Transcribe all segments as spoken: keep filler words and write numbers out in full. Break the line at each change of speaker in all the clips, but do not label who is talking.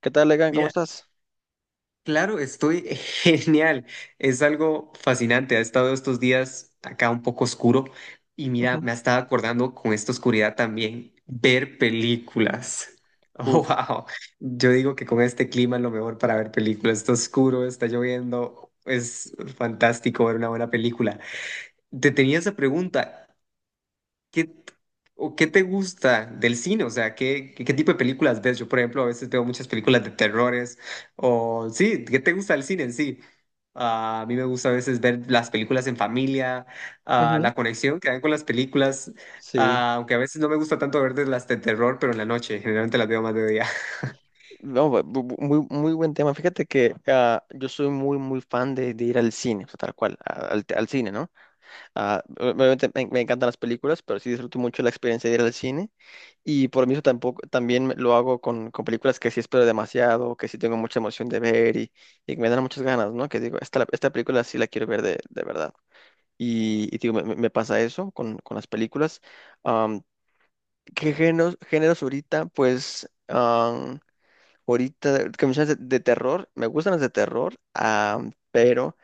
¿Qué tal, Legan? ¿Cómo
Mira,
estás?
claro, estoy genial. Es algo fascinante. Ha estado estos días acá un poco oscuro y mira,
Ujú.
me ha estado acordando con esta oscuridad también ver películas. Oh,
Uf.
wow. Yo digo que con este clima es lo mejor para ver películas. Está oscuro, está lloviendo. Es fantástico ver una buena película. Te tenía esa pregunta. ¿Qué, o qué te gusta del cine? O sea, ¿qué, qué, qué tipo de películas ves? Yo, por ejemplo, a veces veo muchas películas de terrores o sí, ¿qué te gusta del cine en sí? Ah, a mí me gusta a veces ver las películas en familia, ah,
Ujú.
la conexión que hay con las películas,
Sí.
ah, aunque a veces no me gusta tanto ver de las de terror, pero en la noche, generalmente las veo más de día.
Vamos, va- bu- bu- muy, muy buen tema. Fíjate que ah, yo soy muy, muy fan de, de ir al cine, o sea, tal cual, a- al, te- al cine, ¿no? Ah, obviamente me, me encantan las películas, pero sí disfruto mucho la experiencia de ir al cine. Y por mí eso tampoco, también me- lo hago con, con películas que sí espero demasiado, que sí tengo mucha emoción de ver y, y que me dan muchas ganas, ¿no? Que digo, esta, esta película sí la quiero ver de, de verdad. Y, y digo, me, me- me pasa eso con, con las películas. ¿Qué géneros, géneros ahorita? Pues am, ahorita que me dices de, de terror, me gustan los de terror, am, pero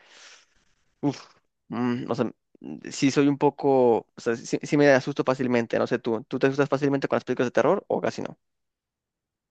uf, mm, o sea, mm, sí soy un poco, o sea, sí, sí me asusto fácilmente, no sé tú, ¿tú te asustas fácilmente con las películas de terror o casi no?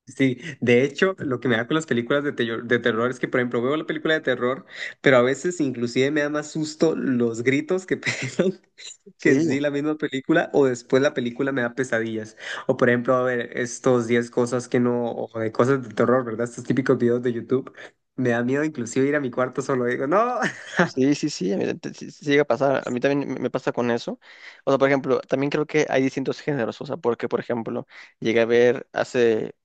Sí, de hecho, lo que me da con las películas de, tello- de terror es que, por ejemplo, veo la película de terror, pero a veces inclusive me da más susto los gritos que pegan que en sí
Sí,
la misma película, o después la película me da pesadillas. O por ejemplo, a ver, estos diez cosas que no, o de cosas de terror, ¿verdad? Estos típicos videos de YouTube, me da miedo inclusive ir a mi cuarto solo, digo, no.
sí, sí, sí, a mí te- sí- sí llega a pasar, a mí también me me pasa con eso. O sea, por ejemplo, también creo que hay distintos géneros, o sea, porque por ejemplo, llegué a ver hace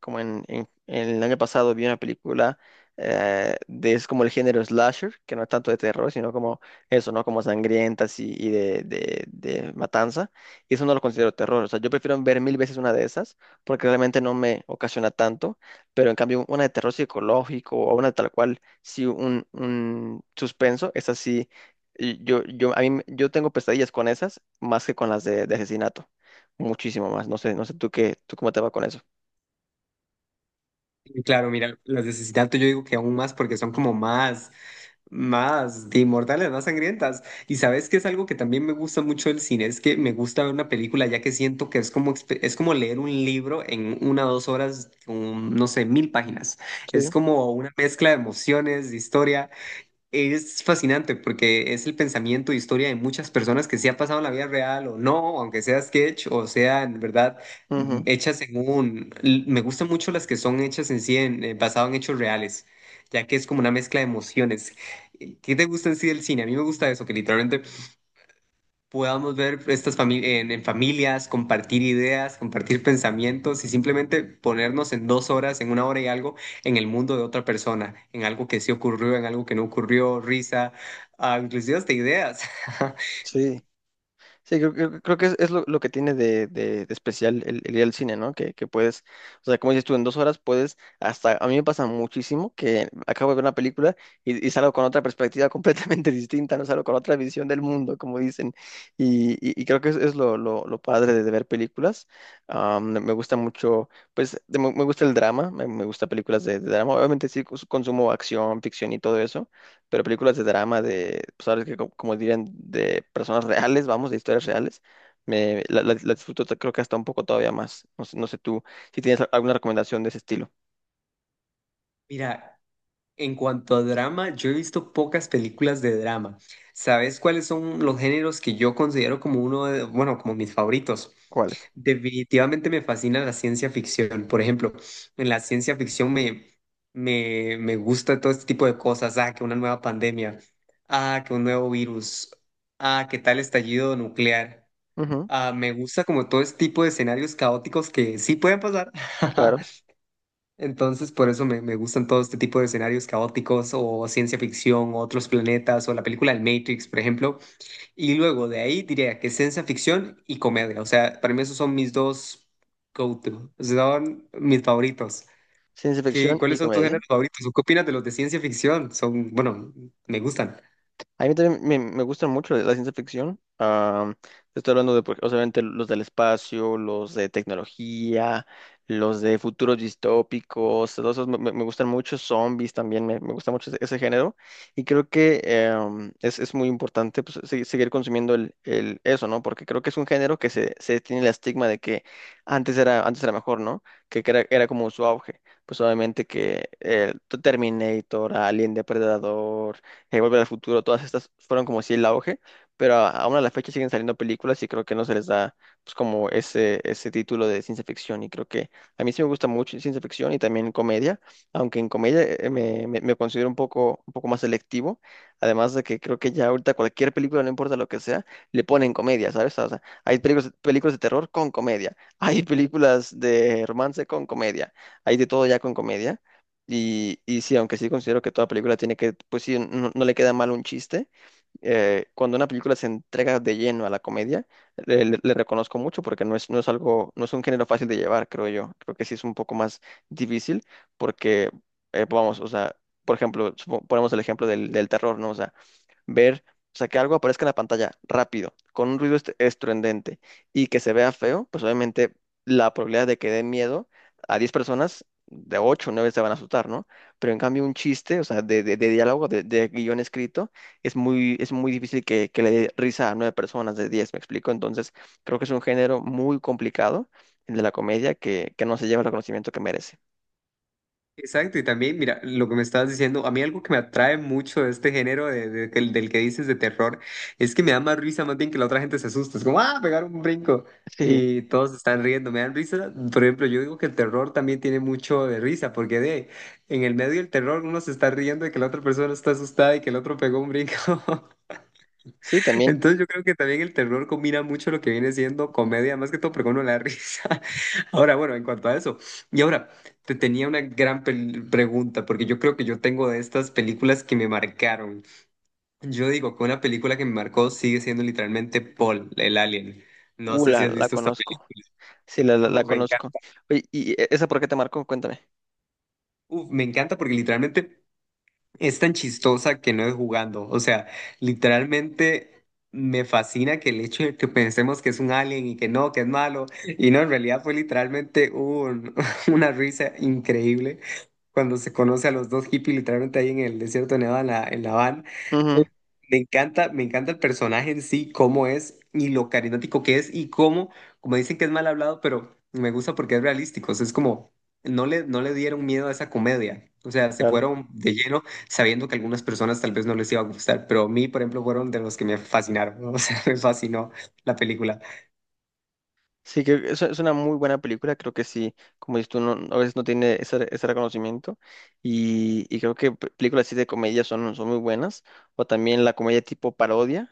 como en, en- en el año pasado vi una película eh, de es como el género slasher, que no es tanto de terror, sino como eso, ¿no? Como sangrientas y, y de, de, de matanza. Y eso no lo considero terror. O sea, yo prefiero ver mil veces una de esas, porque realmente no me ocasiona tanto. Pero en cambio, una de terror psicológico o una tal cual, sí, un, un suspenso, es así. Yo, yo, a mí, me- yo tengo pesadillas con esas más que con las de, de asesinato. Muchísimo más. No sé, no sé tú qué, tú cómo te va con eso.
Y claro, mira, las de asesinato yo digo que aún más porque son como más más de inmortales, más sangrientas. Y sabes que es algo que también me gusta mucho del cine, es que me gusta ver una película ya que siento que es como, expe- es como leer un libro en una o dos horas, con, no sé, mil páginas.
Sí.
Es como una mezcla de emociones, de historia. Es fascinante porque es el pensamiento e historia de muchas personas que se ha pasado en la vida real o no, aunque sea sketch o sea en verdad mm,
Ujú.
hechas en un... l- Me gustan mucho las que son hechas en sí, en, eh, basado en hechos reales, ya que es como una mezcla de emociones. Eh, ¿Qué te gusta en sí del cine? A mí me gusta eso, que literalmente podamos ver estas fami- en, en familias, compartir ideas, compartir pensamientos y simplemente ponernos en dos horas, en una hora y algo, en el mundo de otra persona, en algo que sí ocurrió, en algo que no ocurrió, risa, ah, inclusive hasta ideas.
Sí, sí, creo, creo- creo que es, es lo, lo que tiene de, de- de especial el, el ir al cine, ¿no? Que, que puedes, o sea, como dices tú, en dos horas puedes, hasta a mí me pasa muchísimo que acabo de ver una película y, y salgo con otra perspectiva completamente distinta, ¿no? Salgo con otra visión del mundo, como dicen, y, y- y creo que es, es lo, lo- lo padre de, de ver películas. Am, me gusta mucho, pues, de- me, me gusta el drama, me, me gusta películas de, de drama, obviamente sí cons- consumo acción, ficción y todo eso pero películas de drama, de, pues ahora sí que co- como, dirían, de personas reales, vamos, de historias reales, me, la, la- la disfruto t- creo que hasta un poco todavía más. No sé, no sé tú si tienes a- alguna recomendación de ese estilo.
Mira, en cuanto a drama, yo he visto pocas películas de drama. ¿Sabes cuáles son los géneros que yo considero como uno de, bueno, como mis favoritos?
¿Cuáles?
Definitivamente me fascina la ciencia ficción. Por ejemplo, en la ciencia ficción me, me, me gusta todo este tipo de cosas. Ah, que una nueva pandemia. Ah, que un nuevo virus. Ah, que tal estallido nuclear.
Ujú,
Ah, me gusta como todo este tipo de escenarios caóticos que sí pueden pasar.
claro.
Entonces, por eso me, me gustan todo este tipo de escenarios caóticos o ciencia ficción o otros planetas o la película El Matrix, por ejemplo. Y luego de ahí diría que ciencia ficción y comedia. O sea, para mí esos son mis dos go-to, son mis favoritos.
Ciencia
¿Qué,
ficción
cuáles
y
son tus
comedia.
géneros favoritos? ¿O qué opinas de los de ciencia ficción? Son, bueno, me gustan.
A mí también me, me gusta mucho la ciencia ficción. Ah, te estoy hablando de, por- obviamente, los del espacio, los de tecnología, los de futuros distópicos, todos esos me, me- me gustan mucho. Zombies también, me, me gusta mucho ese, ese género. Y creo que em, es, es muy importante pues, se- seguir consumiendo el, el- eso, ¿no? Porque creo que es un género que se, se tiene el estigma de que antes era, antes era mejor, ¿no? Que, que era, era como su auge. Pues obviamente que eh, Terminator, Alien Depredador en Volver al Futuro, todas estas fueron como si el auge, pero a- aún a la fecha siguen saliendo películas y creo que no se les da pues como ese, ese título de ciencia ficción y creo que a mí sí me gusta mucho ciencia ficción y también comedia, aunque en comedia eh, me, me- me considero un poco, un poco más selectivo, además de que creo que ya ahorita cualquier película, no importa lo que sea, le ponen comedia, ¿sabes? O sea, hay películas, películas de terror con comedia, hay películas de romance con comedia, hay de todo ya con comedia. Y, y sí, aunque sí considero que toda película tiene que, pues sí, no, no le queda mal un chiste, eh, cuando una película se entrega de lleno a la comedia, le, le- le reconozco mucho porque no es, no es algo, no es un género fácil de llevar, creo yo. Creo que sí es un poco más difícil porque, eh, vamos, o sea, por ejemplo, supo- ponemos el ejemplo del, del terror, ¿no? O sea, ver, o sea, que algo aparezca en la pantalla rápido, con un ruido est- estruendente y que se vea feo, pues obviamente la probabilidad de que dé miedo a diez personas, de ocho o nueve se van a asustar, ¿no? Pero en cambio un chiste, o sea, de, de- de diálogo, de, de guión escrito, es muy, es muy difícil que, que le dé risa a nueve personas de diez, ¿me explico? Entonces, creo que es un género muy complicado, el de la comedia, que, que no se lleva el reconocimiento que merece.
Exacto, y también, mira, lo que me estabas diciendo, a mí algo que me atrae mucho de este género de- de- del, del que dices de terror, es que me da más risa más bien que la otra gente se asusta, es como, ah, pegar un brinco,
Sí,
y todos están riendo, me dan risa, por ejemplo, yo digo que el terror también tiene mucho de risa, porque de, en el medio del terror uno se está riendo de que la otra persona está asustada y que el otro pegó un brinco.
sí, también.
Entonces yo creo que también el terror combina mucho lo que viene siendo comedia, más que todo, pero con uno la risa. Ahora, bueno, en cuanto a eso. Y ahora, te tenía una gran pel- pregunta, porque yo creo que yo tengo de estas películas que me marcaron. Yo digo que una película que me marcó sigue siendo literalmente Paul, el alien. No
Uh,
sé si
la,
has
la
visto esta
conozco.
película.
Sí, la, la, la
Uf, me
conozco.
encanta.
Oye, ¿y e, esa por qué te marcó? Cuéntame.
Uf, me encanta porque literalmente es tan chistosa que no es jugando. O sea, literalmente me fascina que el hecho de que pensemos que es un alien y que no, que es malo. Y no, en realidad fue literalmente un- una risa increíble cuando se conoce a los dos hippies literalmente ahí en el desierto de Nevada, en la, en la van. Eh,
Ujú,
Me encanta, me encanta el personaje en sí, cómo es y lo carismático que es y cómo, como dicen que es mal hablado, pero me gusta porque es realístico. O sea, es como, no le, no le dieron miedo a esa comedia. O sea, se
claro.
fueron de lleno sabiendo que a algunas personas tal vez no les iba a gustar, pero a mí, por ejemplo, fueron de los que me fascinaron, ¿no? O sea, me fascinó la película.
Sí, creo que es, es una muy buena película. Creo que sí, como dices tú, no, a veces no tiene ese, ese reconocimiento. Y, y creo que pe- películas así de comedia son, son muy buenas. O también la comedia tipo parodia.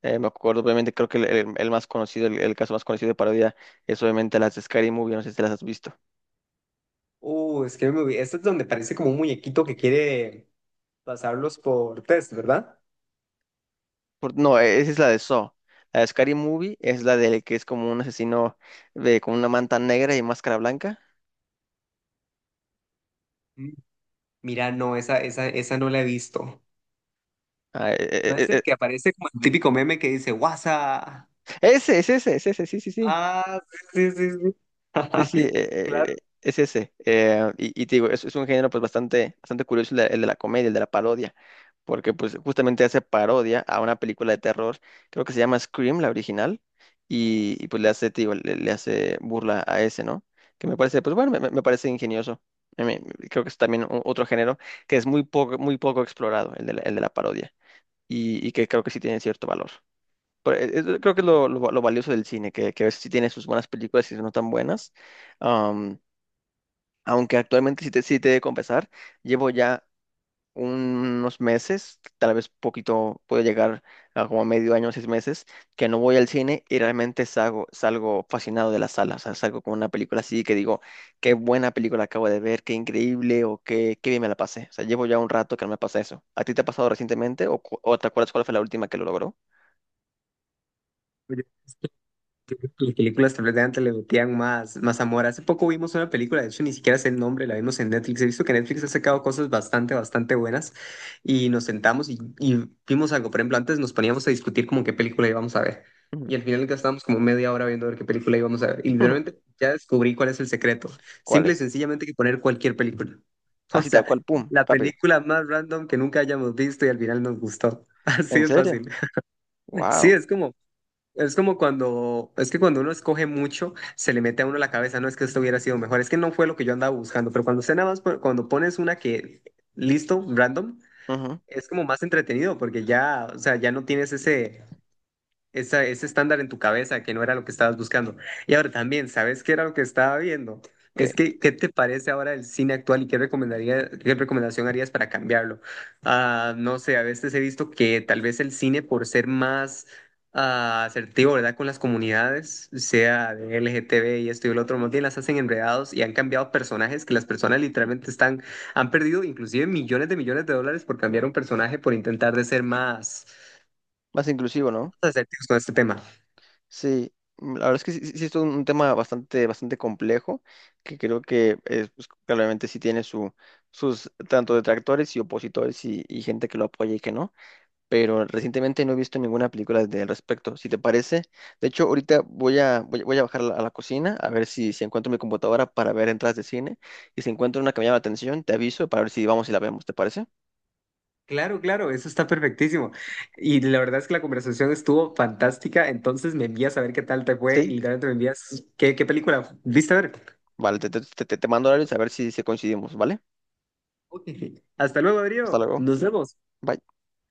Eh, me acuerdo, obviamente, creo que el, el- el más conocido, el, el caso más conocido de parodia es obviamente las de Scary Movie. No sé si las has visto.
Uh, es que me... vi- esto es donde parece como un muñequito que quiere pasarlos por test, ¿verdad?
Por, no, e, esa es la de Saw. La de Scary Movie es la del que es como un asesino de, con una manta negra y máscara blanca.
Mm. Mira, no, esa, esa, esa no la he visto.
Ah, e,
No es
e,
el
e,
que aparece como el típico meme que dice, WhatsApp.
Ese, es ese, es ese, sí, sí, sí.
Ah, sí, sí, sí, sí.
Sí, sí, eh, eh,
Claro.
eh, es ese. Eh, y, y te digo, es, es un género pues bastante, bastante curioso el de, el de la comedia, el de la parodia, porque pues justamente hace parodia a una película de terror, creo que se llama Scream, la original, y, y, pues le hace, te digo, le, le hace burla a ese, ¿no? Que me parece, pues bueno, me, me- me parece ingenioso. A mí- Creo que es también o- otro género que es muy poco, muy poco explorado, el de la, el de la parodia, y, y que creo que sí tiene cierto valor. Pero e- eso creo que es lo, lo- lo valioso del cine, que, que a veces sí tiene sus buenas películas y sus no tan buenas. Am, aunque actualmente sí te, sí te he de confesar, llevo ya unos meses, tal vez poquito, puede llegar a como medio año, seis meses, que no voy al cine y realmente salgo, salgo fascinado de la sala. O sea, salgo con una película así que digo, qué buena película acabo de ver, qué increíble o qué, qué bien me la pasé. O sea, llevo ya un rato que no me pasa eso. ¿A ti te ha pasado recientemente o, cu- o te acuerdas cuál fue la última que lo logró?
Las películas tal vez de antes le metían más, más amor. Hace poco vimos una película, de hecho ni siquiera sé el nombre, la vimos en Netflix. He visto que Netflix ha sacado cosas bastante, bastante buenas y nos sentamos y, y vimos algo. Por ejemplo, antes nos poníamos a discutir como qué película íbamos a ver
Ujú.
y al final gastábamos como media hora viendo a ver qué película íbamos a ver. Y literalmente ya descubrí cuál es el secreto.
¿Cuál
Simple y
es?
sencillamente hay que poner cualquier película. O
Así tal
sea,
cual, pum,
la
rápido.
película más random que nunca hayamos visto y al final nos gustó. Así
¿En
es
serio?
fácil. Sí,
Wow.
es como... es como cuando, es que cuando uno escoge mucho, se le mete a uno a la cabeza, no es que esto hubiera sido mejor, es que no fue lo que yo andaba buscando, pero cuando usted nada más, pon- cuando pones una que, listo, random,
Ujú.
es como más entretenido, porque ya, o sea, ya no tienes ese, esa- ese estándar en tu cabeza que no era lo que estabas buscando. Y ahora también, ¿sabes qué era lo que estaba viendo?
¿Qué?
Es que, ¿qué te parece ahora el cine actual y qué recomendaría, qué recomendación harías para cambiarlo? Ah, no sé, a veces he visto que tal vez el cine por ser más ah, asertivo, ¿verdad? Con las comunidades, sea de L G T B y esto y el otro, más bien las hacen enredados y han cambiado personajes que las personas literalmente están, han perdido inclusive millones de millones de dólares por cambiar un personaje por intentar de ser más
Más inclusivo, ¿no?
asertivos con este tema.
Sí, mm, la verdad es que sí, sí- sí es un un tema bastante, bastante complejo, que creo que eh, pues, claramente sí tiene su, sus tanto detractores y opositores y, y gente que lo apoya y que no, pero recientemente no he visto ninguna película de- al respecto, si te parece. De hecho, ahorita voy a, voy, voy a bajar a la, a la cocina a ver si, si encuentro mi computadora para ver entradas de cine y si encuentro una que me llama la atención, te aviso para ver si vamos y la vemos, ¿te parece?
Claro, claro, eso está perfectísimo. Y la verdad es que la conversación estuvo fantástica, entonces me envías a ver qué tal te fue y
Sí.
literalmente me envías qué, qué película viste a ver.
Vale, te, te, te, te mando horarios a ver si, si coincidimos, ¿vale?
Ok. Hasta luego,
Hasta
Adrián.
luego.
Nos vemos.
Bye.